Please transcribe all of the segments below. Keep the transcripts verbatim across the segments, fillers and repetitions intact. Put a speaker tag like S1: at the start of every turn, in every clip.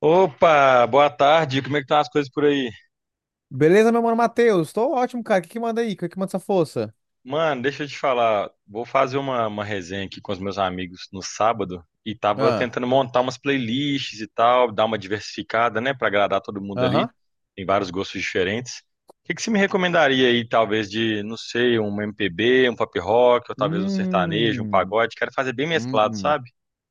S1: Opa, boa tarde. Como é que estão as coisas por aí?
S2: Beleza, meu mano Matheus? Tô ótimo, cara. O que que manda aí? O que que manda essa força?
S1: Mano, deixa eu te falar. Vou fazer uma, uma resenha aqui com os meus amigos no sábado e tava
S2: Ah,
S1: tentando montar umas playlists e tal, dar uma diversificada, né, pra agradar todo mundo ali.
S2: aham.
S1: Tem vários gostos diferentes. O que que você me recomendaria aí, talvez de, não sei, um M P B, um pop rock, ou talvez um sertanejo, um
S2: Hum,
S1: pagode? Quero fazer bem mesclado,
S2: hum.
S1: sabe?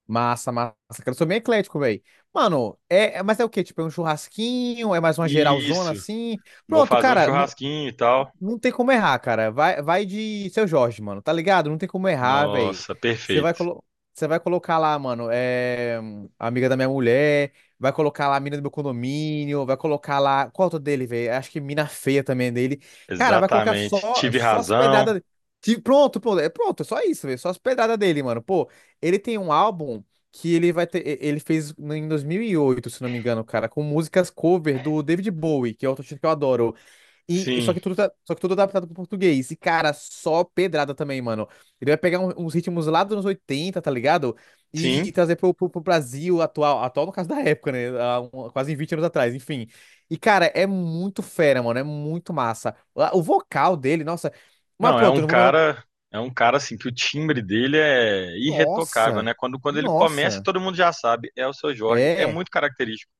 S2: Massa, massa. Cara, eu sou bem eclético, velho. Mano, é, é- mas é o quê? Tipo, é um churrasquinho? É mais uma geralzona
S1: Isso.
S2: assim?
S1: Vou
S2: Pronto,
S1: fazer um
S2: cara. no-
S1: churrasquinho e tal.
S2: Não tem como errar, cara. Vai, vai de Seu Jorge, mano. Tá ligado? Não tem como errar, velho.
S1: Nossa,
S2: Você vai,
S1: perfeito.
S2: colo... Você vai colocar lá, mano, é... amiga da minha mulher, vai colocar lá a mina do meu condomínio, vai colocar lá. Qual é o outro dele, velho? Acho que mina feia também é dele. Cara, vai colocar
S1: Exatamente.
S2: só,
S1: Tive
S2: só as
S1: razão.
S2: pedradas. Que Pronto, pronto. É pronto, é só isso, velho. Só as pedradas dele, mano. Pô, ele tem um álbum que ele vai ter. e- Ele fez em dois mil e oito, se não me engano, cara, com músicas cover do David Bowie, que é outro artista que eu adoro. E, e só
S1: Sim.
S2: que tudo tá- só que tudo adaptado pro português. E, cara, só pedrada também, mano. Ele vai pegar um- uns ritmos lá dos anos oitenta, tá ligado?
S1: Sim,
S2: E trazer pro, pro, pro Brasil atual, atual no caso da época, né? Há um- quase vinte anos atrás, enfim. E, cara, é muito fera, mano. É muito massa. O o vocal dele, nossa. Mas
S1: não, é
S2: pronto,
S1: um
S2: eu não vou me alongar.
S1: cara, é um cara assim que o timbre dele é irretocável, né?
S2: Nossa!
S1: Quando, quando ele começa,
S2: Nossa!
S1: todo mundo já sabe, é o seu Jorge, é
S2: É.
S1: muito característico.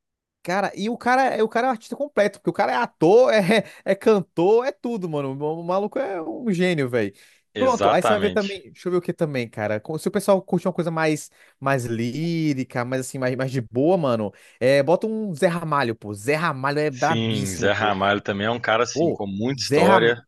S2: Cara, e o cara, é, o cara é um artista completo, porque o cara é ator, é, é cantor, é tudo, mano. O maluco é um gênio, velho. Pronto, aí você vai ver também.
S1: Exatamente.
S2: Deixa eu ver o que também, cara. Co- Se o pessoal curte uma coisa mais, mais lírica, mais assim, mais, mais de boa, mano, é, bota um Zé Ramalho, pô. Zé Ramalho é
S1: Sim, Zé
S2: brabíssimo, pô.
S1: Ramalho também é um cara assim
S2: Pô,
S1: com muita
S2: Zé, Ram...
S1: história,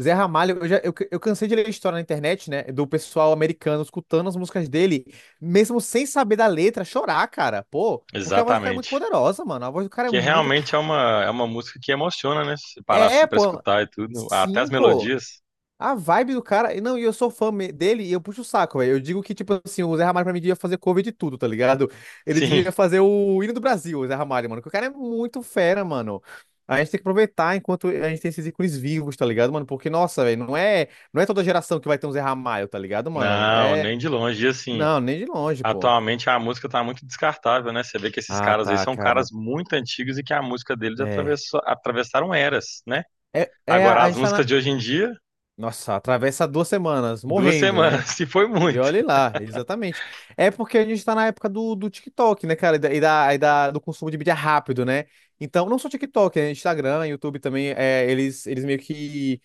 S2: Zé Ramalho, eu, já, eu, eu cansei de ler história na internet, né? Do pessoal americano escutando as músicas dele, mesmo sem saber da letra, chorar, cara. Pô, porque a voz do cara é muito
S1: exatamente.
S2: poderosa, mano. A voz do cara é
S1: Que
S2: muito...
S1: realmente é uma é uma música que emociona, né? Se parar
S2: É,
S1: assim para
S2: pô.
S1: escutar e tudo, até as
S2: Sim, pô.
S1: melodias.
S2: A vibe do cara. e Não, e eu sou fã me- dele e eu puxo o saco, velho. Eu digo que, tipo assim, o Zé Ramalho pra mim devia fazer cover de tudo, tá ligado? Ele
S1: Sim.
S2: devia fazer o hino do Brasil, o Zé Ramalho, mano. Que o cara é muito fera, mano. A gente tem que aproveitar enquanto a gente tem esses ícones vivos, tá ligado, mano? Porque, nossa, velho, não é, não é toda geração que vai ter um Zé Ramalho, tá ligado, mano?
S1: Não,
S2: É.
S1: nem de longe, e, assim.
S2: Não, nem de longe, pô.
S1: Atualmente a música tá muito descartável, né? Você vê que esses
S2: Ah,
S1: caras aí
S2: tá,
S1: são caras
S2: cara.
S1: muito antigos e que a música deles
S2: É.
S1: atravessou, atravessaram eras, né?
S2: É, é a
S1: Agora,
S2: a
S1: as
S2: gente tá
S1: músicas
S2: na...
S1: de hoje em dia,
S2: Nossa, atravessa duas semanas
S1: duas
S2: morrendo, né?
S1: semanas, se foi
S2: E
S1: muito.
S2: olhe lá, exatamente. É porque a gente tá na época do, do TikTok, né, cara? E da, e da, e da- do consumo de mídia rápido, né? Então, não só TikTok, né? Instagram, YouTube também, é, eles, eles meio que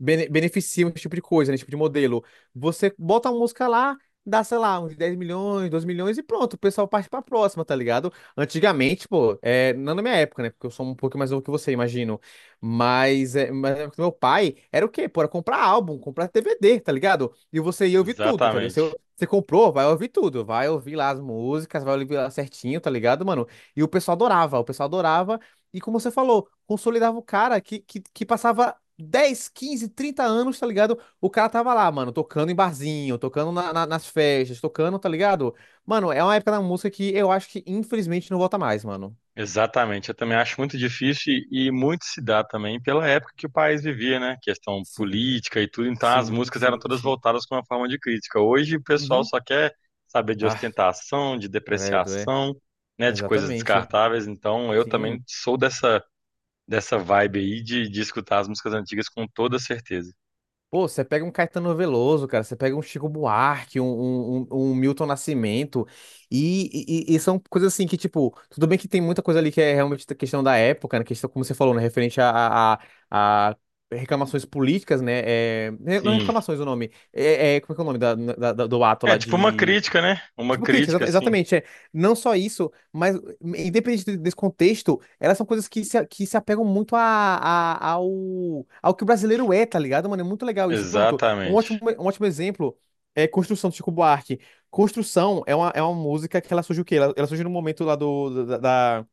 S2: bene- beneficiam esse tipo de coisa, né? Esse tipo de modelo. Você bota uma música lá, dá, sei lá, uns dez milhões, doze milhões e pronto, o pessoal parte pra próxima, tá ligado? Antigamente, pô, é, não na minha época, né? Porque eu sou um pouco mais novo que você, imagino. Mas, é, mas na época do meu pai era o quê? Pô, era comprar álbum, comprar D V D, tá ligado? E você ia ouvir tudo, tá ligado? Você,
S1: Exatamente.
S2: você comprou, vai ouvir tudo, vai ouvir lá as músicas, vai ouvir lá certinho, tá ligado, mano? E o pessoal adorava, o pessoal adorava. E como você falou, consolidava o cara que, que, que passava dez, quinze, trinta anos, tá ligado? O cara tava lá, mano, tocando em barzinho, tocando na- na- nas festas, tocando, tá ligado? Mano, é uma época da música que eu acho que infelizmente não volta mais, mano.
S1: Exatamente. Eu também acho muito difícil e, e muito se dá também pela época que o país vivia, né? Questão
S2: Sim,
S1: política e tudo. Então as
S2: sim,
S1: músicas eram
S2: sim,
S1: todas
S2: sim.
S1: voltadas com uma forma de crítica. Hoje o pessoal
S2: Uhum.
S1: só quer saber de
S2: Ah,
S1: ostentação, de
S2: credo, é.
S1: depreciação, né? De coisas
S2: Exatamente.
S1: descartáveis. Então eu
S2: Sim.
S1: também sou dessa dessa vibe aí de, de escutar as músicas antigas com toda certeza.
S2: Pô, você pega um Caetano Veloso, cara, você pega um Chico Buarque, um, um, um- um Milton Nascimento, e, e- e são coisas assim que, tipo, tudo bem que tem muita coisa ali que é realmente da questão da época, né? Questão, como você falou, né? Referente a, a, a- a reclamações políticas, né? É, né, não é
S1: Sim.
S2: reclamações o nome. É, é- como é que é o nome da- da- da- do ato
S1: É
S2: lá...
S1: tipo uma crítica, né? Uma
S2: Tipo, crítica,
S1: crítica,
S2: exata-
S1: sim.
S2: exatamente. É. Não só isso, mas independente de- desse contexto, elas são coisas que se, que se apegam muito a, a- ao, ao que o brasileiro é, tá ligado, mano? É muito legal isso. Pronto, um ótimo,
S1: Exatamente.
S2: um ótimo exemplo é Construção do Chico Buarque. Construção é uma, é uma música que ela surge o quê? Ela, ela surge no momento lá do, da, da-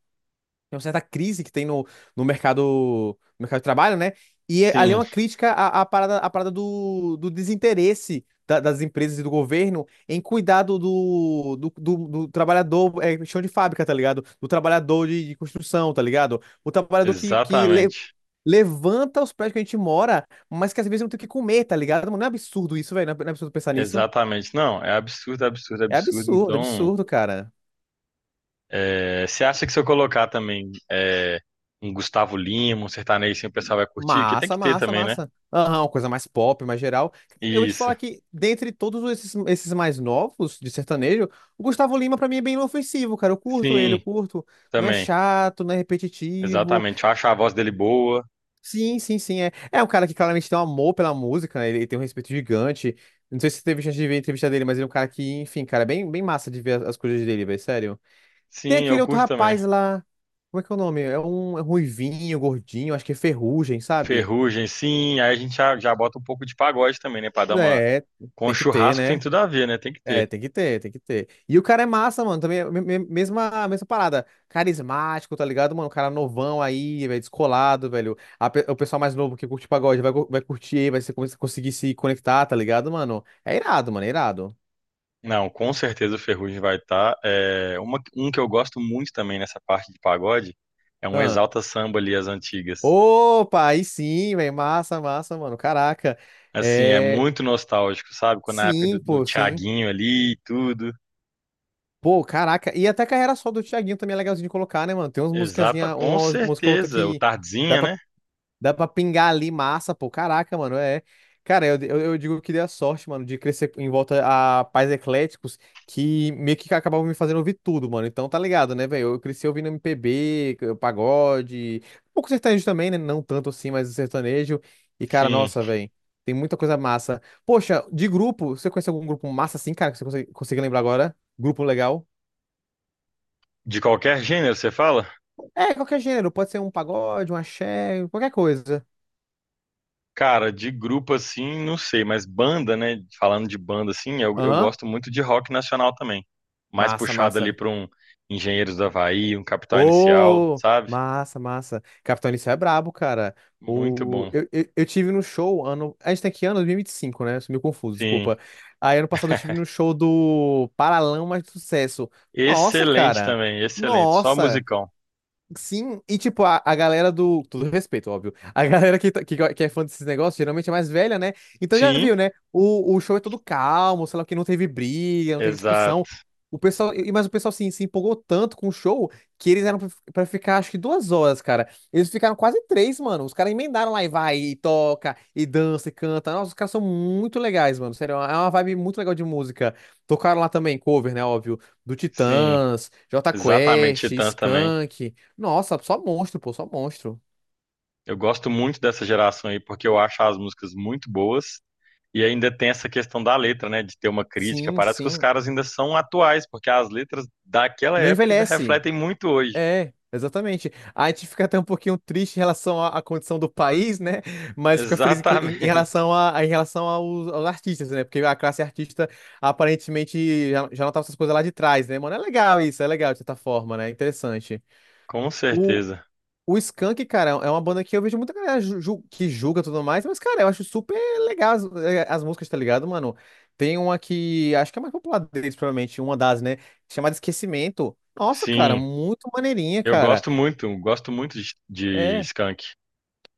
S2: tem uma certa crise que tem no, no mercado, no mercado de trabalho, né? E é- ali é
S1: Sim,
S2: uma crítica à, à parada, à parada do, do desinteresse da- das empresas e do governo em cuidar do, do, do, do- do trabalhador, é, chão de fábrica, tá ligado? Do trabalhador de, de construção, tá ligado? O trabalhador que, que le-
S1: exatamente.
S2: levanta os prédios que a gente mora, mas que às vezes não tem o que comer, tá ligado? Mano, não é absurdo isso, velho? Não é não é absurdo pensar nisso?
S1: Exatamente. Não, é absurdo, absurdo,
S2: É
S1: absurdo.
S2: absurdo,
S1: Então,
S2: absurdo, cara.
S1: é, você acha que se eu colocar também é, um Gustavo Lima, um sertanejo, assim, o pessoal vai curtir? Que tem
S2: Massa,
S1: que ter
S2: massa,
S1: também, né?
S2: massa. Aham, uma coisa mais pop, mais geral. Eu vou te
S1: Isso.
S2: falar que, dentre todos esses, esses mais novos de sertanejo, o Gustavo Lima, pra mim, é bem inofensivo, cara. Eu curto ele, eu
S1: Sim,
S2: curto. Não é
S1: também.
S2: chato, não é repetitivo.
S1: Exatamente. Eu acho a voz dele boa.
S2: Sim, sim, sim. É, é um cara que claramente tem um amor pela música, né? Ele tem um respeito gigante. Não sei se você teve chance de ver a entrevista dele, mas ele é um cara que, enfim, cara, é bem, bem massa de ver as as coisas dele, velho, sério. Tem
S1: Sim, eu
S2: aquele outro
S1: curto também.
S2: rapaz lá. Como é que é o nome? É um é ruivinho, gordinho, acho que é Ferrugem, sabe?
S1: Ferrugem, sim. Aí a gente já, já bota um pouco de pagode também, né? Pra dar uma.
S2: É,
S1: Com o
S2: tem que ter,
S1: churrasco tem
S2: né?
S1: tudo a ver, né? Tem que
S2: É,
S1: ter.
S2: tem que ter, tem que ter. E o cara é massa, mano. Também, é me- me- mesma, mesma parada. Carismático, tá ligado, mano? O cara novão aí, velho, descolado, velho. A pe- o pessoal mais novo que curte pagode vai, cu- vai curtir, vai se, conseguir se conectar, tá ligado, mano? É irado, mano, é irado.
S1: Não, com certeza o Ferrugem vai estar. É, uma, um que eu gosto muito também nessa parte de pagode é um
S2: Ah.
S1: Exalta Samba ali, as antigas.
S2: Opa, aí sim, velho. Massa, massa, mano. Caraca.
S1: Assim, é
S2: É.
S1: muito nostálgico, sabe? Quando na época
S2: Sim,
S1: do, do
S2: pô, sim.
S1: Thiaguinho ali e tudo.
S2: Pô, caraca. E até a carreira só do Thiaguinho também é legalzinho de colocar, né, mano? Tem umas
S1: Exata,
S2: musicazinhas,
S1: com
S2: uma música ou outra
S1: certeza. O
S2: que... Dá
S1: Tardezinha,
S2: pra
S1: né?
S2: Dá pra pingar ali massa, pô. Caraca, mano, é. Cara, eu, eu, eu digo que dei a sorte, mano, de crescer em volta a pais ecléticos que meio que acabavam me fazendo ouvir tudo, mano. Então tá ligado, né, velho? Eu cresci ouvindo M P B, pagode, um pouco sertanejo também, né? Não tanto assim, mas sertanejo. E, cara,
S1: Sim.
S2: nossa, velho, tem muita coisa massa. Poxa, de grupo, você conhece algum grupo massa assim, cara, que você consegue, consegue lembrar agora? Grupo legal?
S1: De qualquer gênero, você fala?
S2: É, qualquer gênero, pode ser um pagode, um axé, qualquer coisa.
S1: Cara, de grupo assim, não sei, mas banda, né? Falando de banda assim, eu, eu
S2: Aham,
S1: gosto muito de rock nacional também. Mais
S2: massa,
S1: puxado ali
S2: massa.
S1: para um Engenheiros do Havaí, um Capital Inicial,
S2: Ô,
S1: sabe?
S2: massa, massa. Capitão Inicial é brabo, cara.
S1: Muito
S2: O...
S1: bom.
S2: Eu, eu, eu tive no show ano... A gente tem que ano, dois mil e e vinte e cinco, né? Eu sou meio confuso,
S1: Sim.
S2: desculpa. Aí ano passado eu tive no show do Paralamas do Sucesso. Nossa,
S1: Excelente
S2: cara.
S1: também, excelente. Só
S2: Nossa.
S1: musicão.
S2: Sim, e tipo, a, a galera do... Todo respeito, óbvio. A galera que, tá- que, go- que é fã desses negócios geralmente é mais velha, né? Então já
S1: Sim,
S2: viu, né? O, o show é todo calmo, sei lá, que não teve briga, não teve discussão.
S1: exato.
S2: O pessoal, e- mas o pessoal assim, se empolgou tanto com o show que eles eram pra pra ficar acho que duas horas, cara. Eles ficaram quase três, mano. Os caras emendaram lá e vai, e toca, e dança, e canta. Nossa, os caras são muito legais, mano. Sério, é uma vibe muito legal de música. Tocaram lá também cover, né? Óbvio, do
S1: Sim,
S2: Titãs, Jota
S1: exatamente.
S2: Quest,
S1: Titãs também.
S2: Skank. Nossa, só monstro, pô, só monstro.
S1: Eu gosto muito dessa geração aí porque eu acho as músicas muito boas e ainda tem essa questão da letra, né? De ter uma crítica.
S2: Sim,
S1: Parece que os
S2: sim.
S1: caras ainda são atuais, porque as letras daquela
S2: Não
S1: época ainda
S2: envelhece.
S1: refletem muito hoje.
S2: É, exatamente. A gente fica até um pouquinho triste em relação à, à condição do país, né? Mas fica feliz em, co- em- em
S1: Exatamente,
S2: relação a, a- em relação aos, aos artistas, né? Porque a classe artista aparentemente já, já notava essas coisas lá de trás, né? Mano, é legal isso, é legal de certa forma, né? Interessante.
S1: com certeza.
S2: O Skank, cara, é uma banda que eu vejo muita galera ju- ju- que julga e tudo mais, mas, cara, eu acho super legal as, eh, as músicas, tá ligado, mano? Tem uma que acho que é a mais popular deles, provavelmente, uma das, né? Chamada Esquecimento. Nossa, cara,
S1: Sim,
S2: muito maneirinha,
S1: eu
S2: cara.
S1: gosto muito, gosto muito de, de
S2: É,
S1: Skank,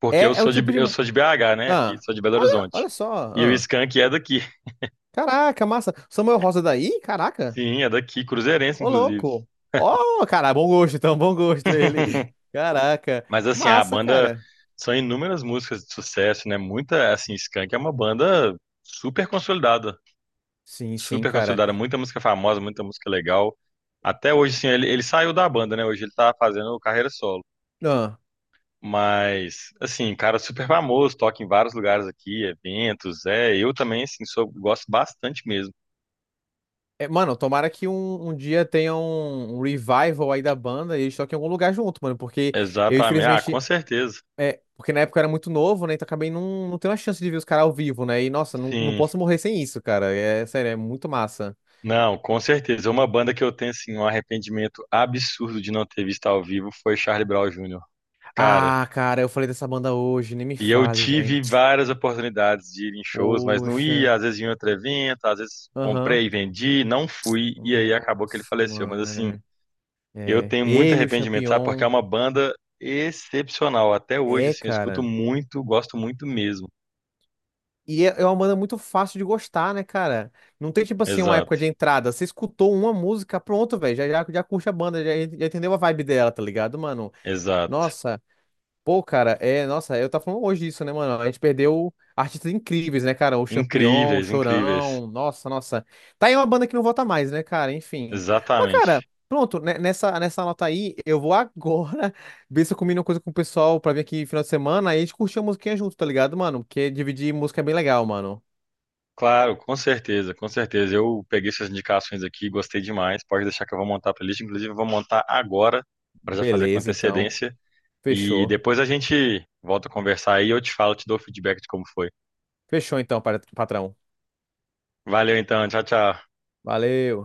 S1: porque eu
S2: é, é o
S1: sou de,
S2: tipo de...
S1: eu
S2: mu-
S1: sou de B H, né? Aqui,
S2: Ah,
S1: sou de Belo
S2: olha,
S1: Horizonte.
S2: olha só.
S1: E o
S2: Ah.
S1: Skank é daqui.
S2: Caraca, massa. Samuel Rosa daí? Caraca.
S1: Sim, é daqui, cruzeirense,
S2: Ô,
S1: inclusive.
S2: louco. Ó, cara, bom gosto, então, bom gosto ele. Caraca.
S1: Mas assim, a
S2: Massa,
S1: banda
S2: cara.
S1: são inúmeras músicas de sucesso, né? Muita, assim, Skank é uma banda super consolidada.
S2: Sim, sim,
S1: Super
S2: cara.
S1: consolidada, muita música famosa, muita música legal. Até hoje, assim, ele, ele saiu da banda, né? Hoje ele tá fazendo carreira solo. Mas, assim, cara super famoso, toca em vários lugares aqui, eventos, é. Eu também, assim, sou, gosto bastante mesmo.
S2: É, mano, tomara que um, um dia tenha um, um revival aí da banda e eles toquem em algum lugar junto, mano, porque eu
S1: Exatamente. Ah, com
S2: infelizmente...
S1: certeza.
S2: É, porque na época eu era muito novo, né? Então acabei não, não tendo a chance de ver os caras ao vivo, né? E nossa, não, não
S1: Sim.
S2: posso morrer sem isso, cara. É sério, é muito massa.
S1: Não, com certeza. Uma banda que eu tenho, assim, um arrependimento absurdo de não ter visto ao vivo foi Charlie Brown júnior Cara,
S2: Ah, cara, eu falei dessa banda hoje, nem me
S1: e eu
S2: fale, velho.
S1: tive várias oportunidades de ir em shows, mas não
S2: Poxa.
S1: ia, às vezes em outro evento, às vezes
S2: Aham.
S1: comprei e vendi, não fui, e aí acabou que ele
S2: Nossa,
S1: faleceu. Mas
S2: mano.
S1: assim, eu
S2: É. É.
S1: tenho muito
S2: Ele, o
S1: arrependimento, sabe? Porque
S2: Champignon.
S1: é uma banda excepcional. Até hoje,
S2: É,
S1: assim, eu escuto
S2: cara.
S1: muito, gosto muito mesmo.
S2: E é é uma banda muito fácil de gostar, né, cara? Não tem, tipo assim, uma época
S1: Exato,
S2: de entrada. Você escutou uma música, pronto, velho. Já, já, já curte a banda, já, já entendeu a vibe dela, tá ligado, mano?
S1: exato.
S2: Nossa, pô, cara, é. Nossa, eu tava falando hoje isso, né, mano? A gente perdeu artistas incríveis, né, cara? O Champignon, o
S1: Incríveis, incríveis.
S2: Chorão. Nossa, nossa. Tá aí uma banda que não volta mais, né, cara? Enfim. Mas, cara.
S1: Exatamente.
S2: Pronto, né, nessa, nessa nota aí, eu vou agora ver se eu combino uma coisa com o pessoal pra vir aqui final de semana e a gente curtir a musiquinha junto, tá ligado, mano? Porque dividir música é bem legal, mano.
S1: Claro, com certeza, com certeza. Eu peguei suas indicações aqui, gostei demais. Pode deixar que eu vou montar a playlist. Inclusive, eu vou montar agora, para já fazer com
S2: Beleza, então.
S1: antecedência. E
S2: Fechou.
S1: depois a gente volta a conversar aí, eu te falo, te dou o feedback de como foi.
S2: Fechou então, pat- patrão.
S1: Valeu então, tchau, tchau.
S2: Valeu.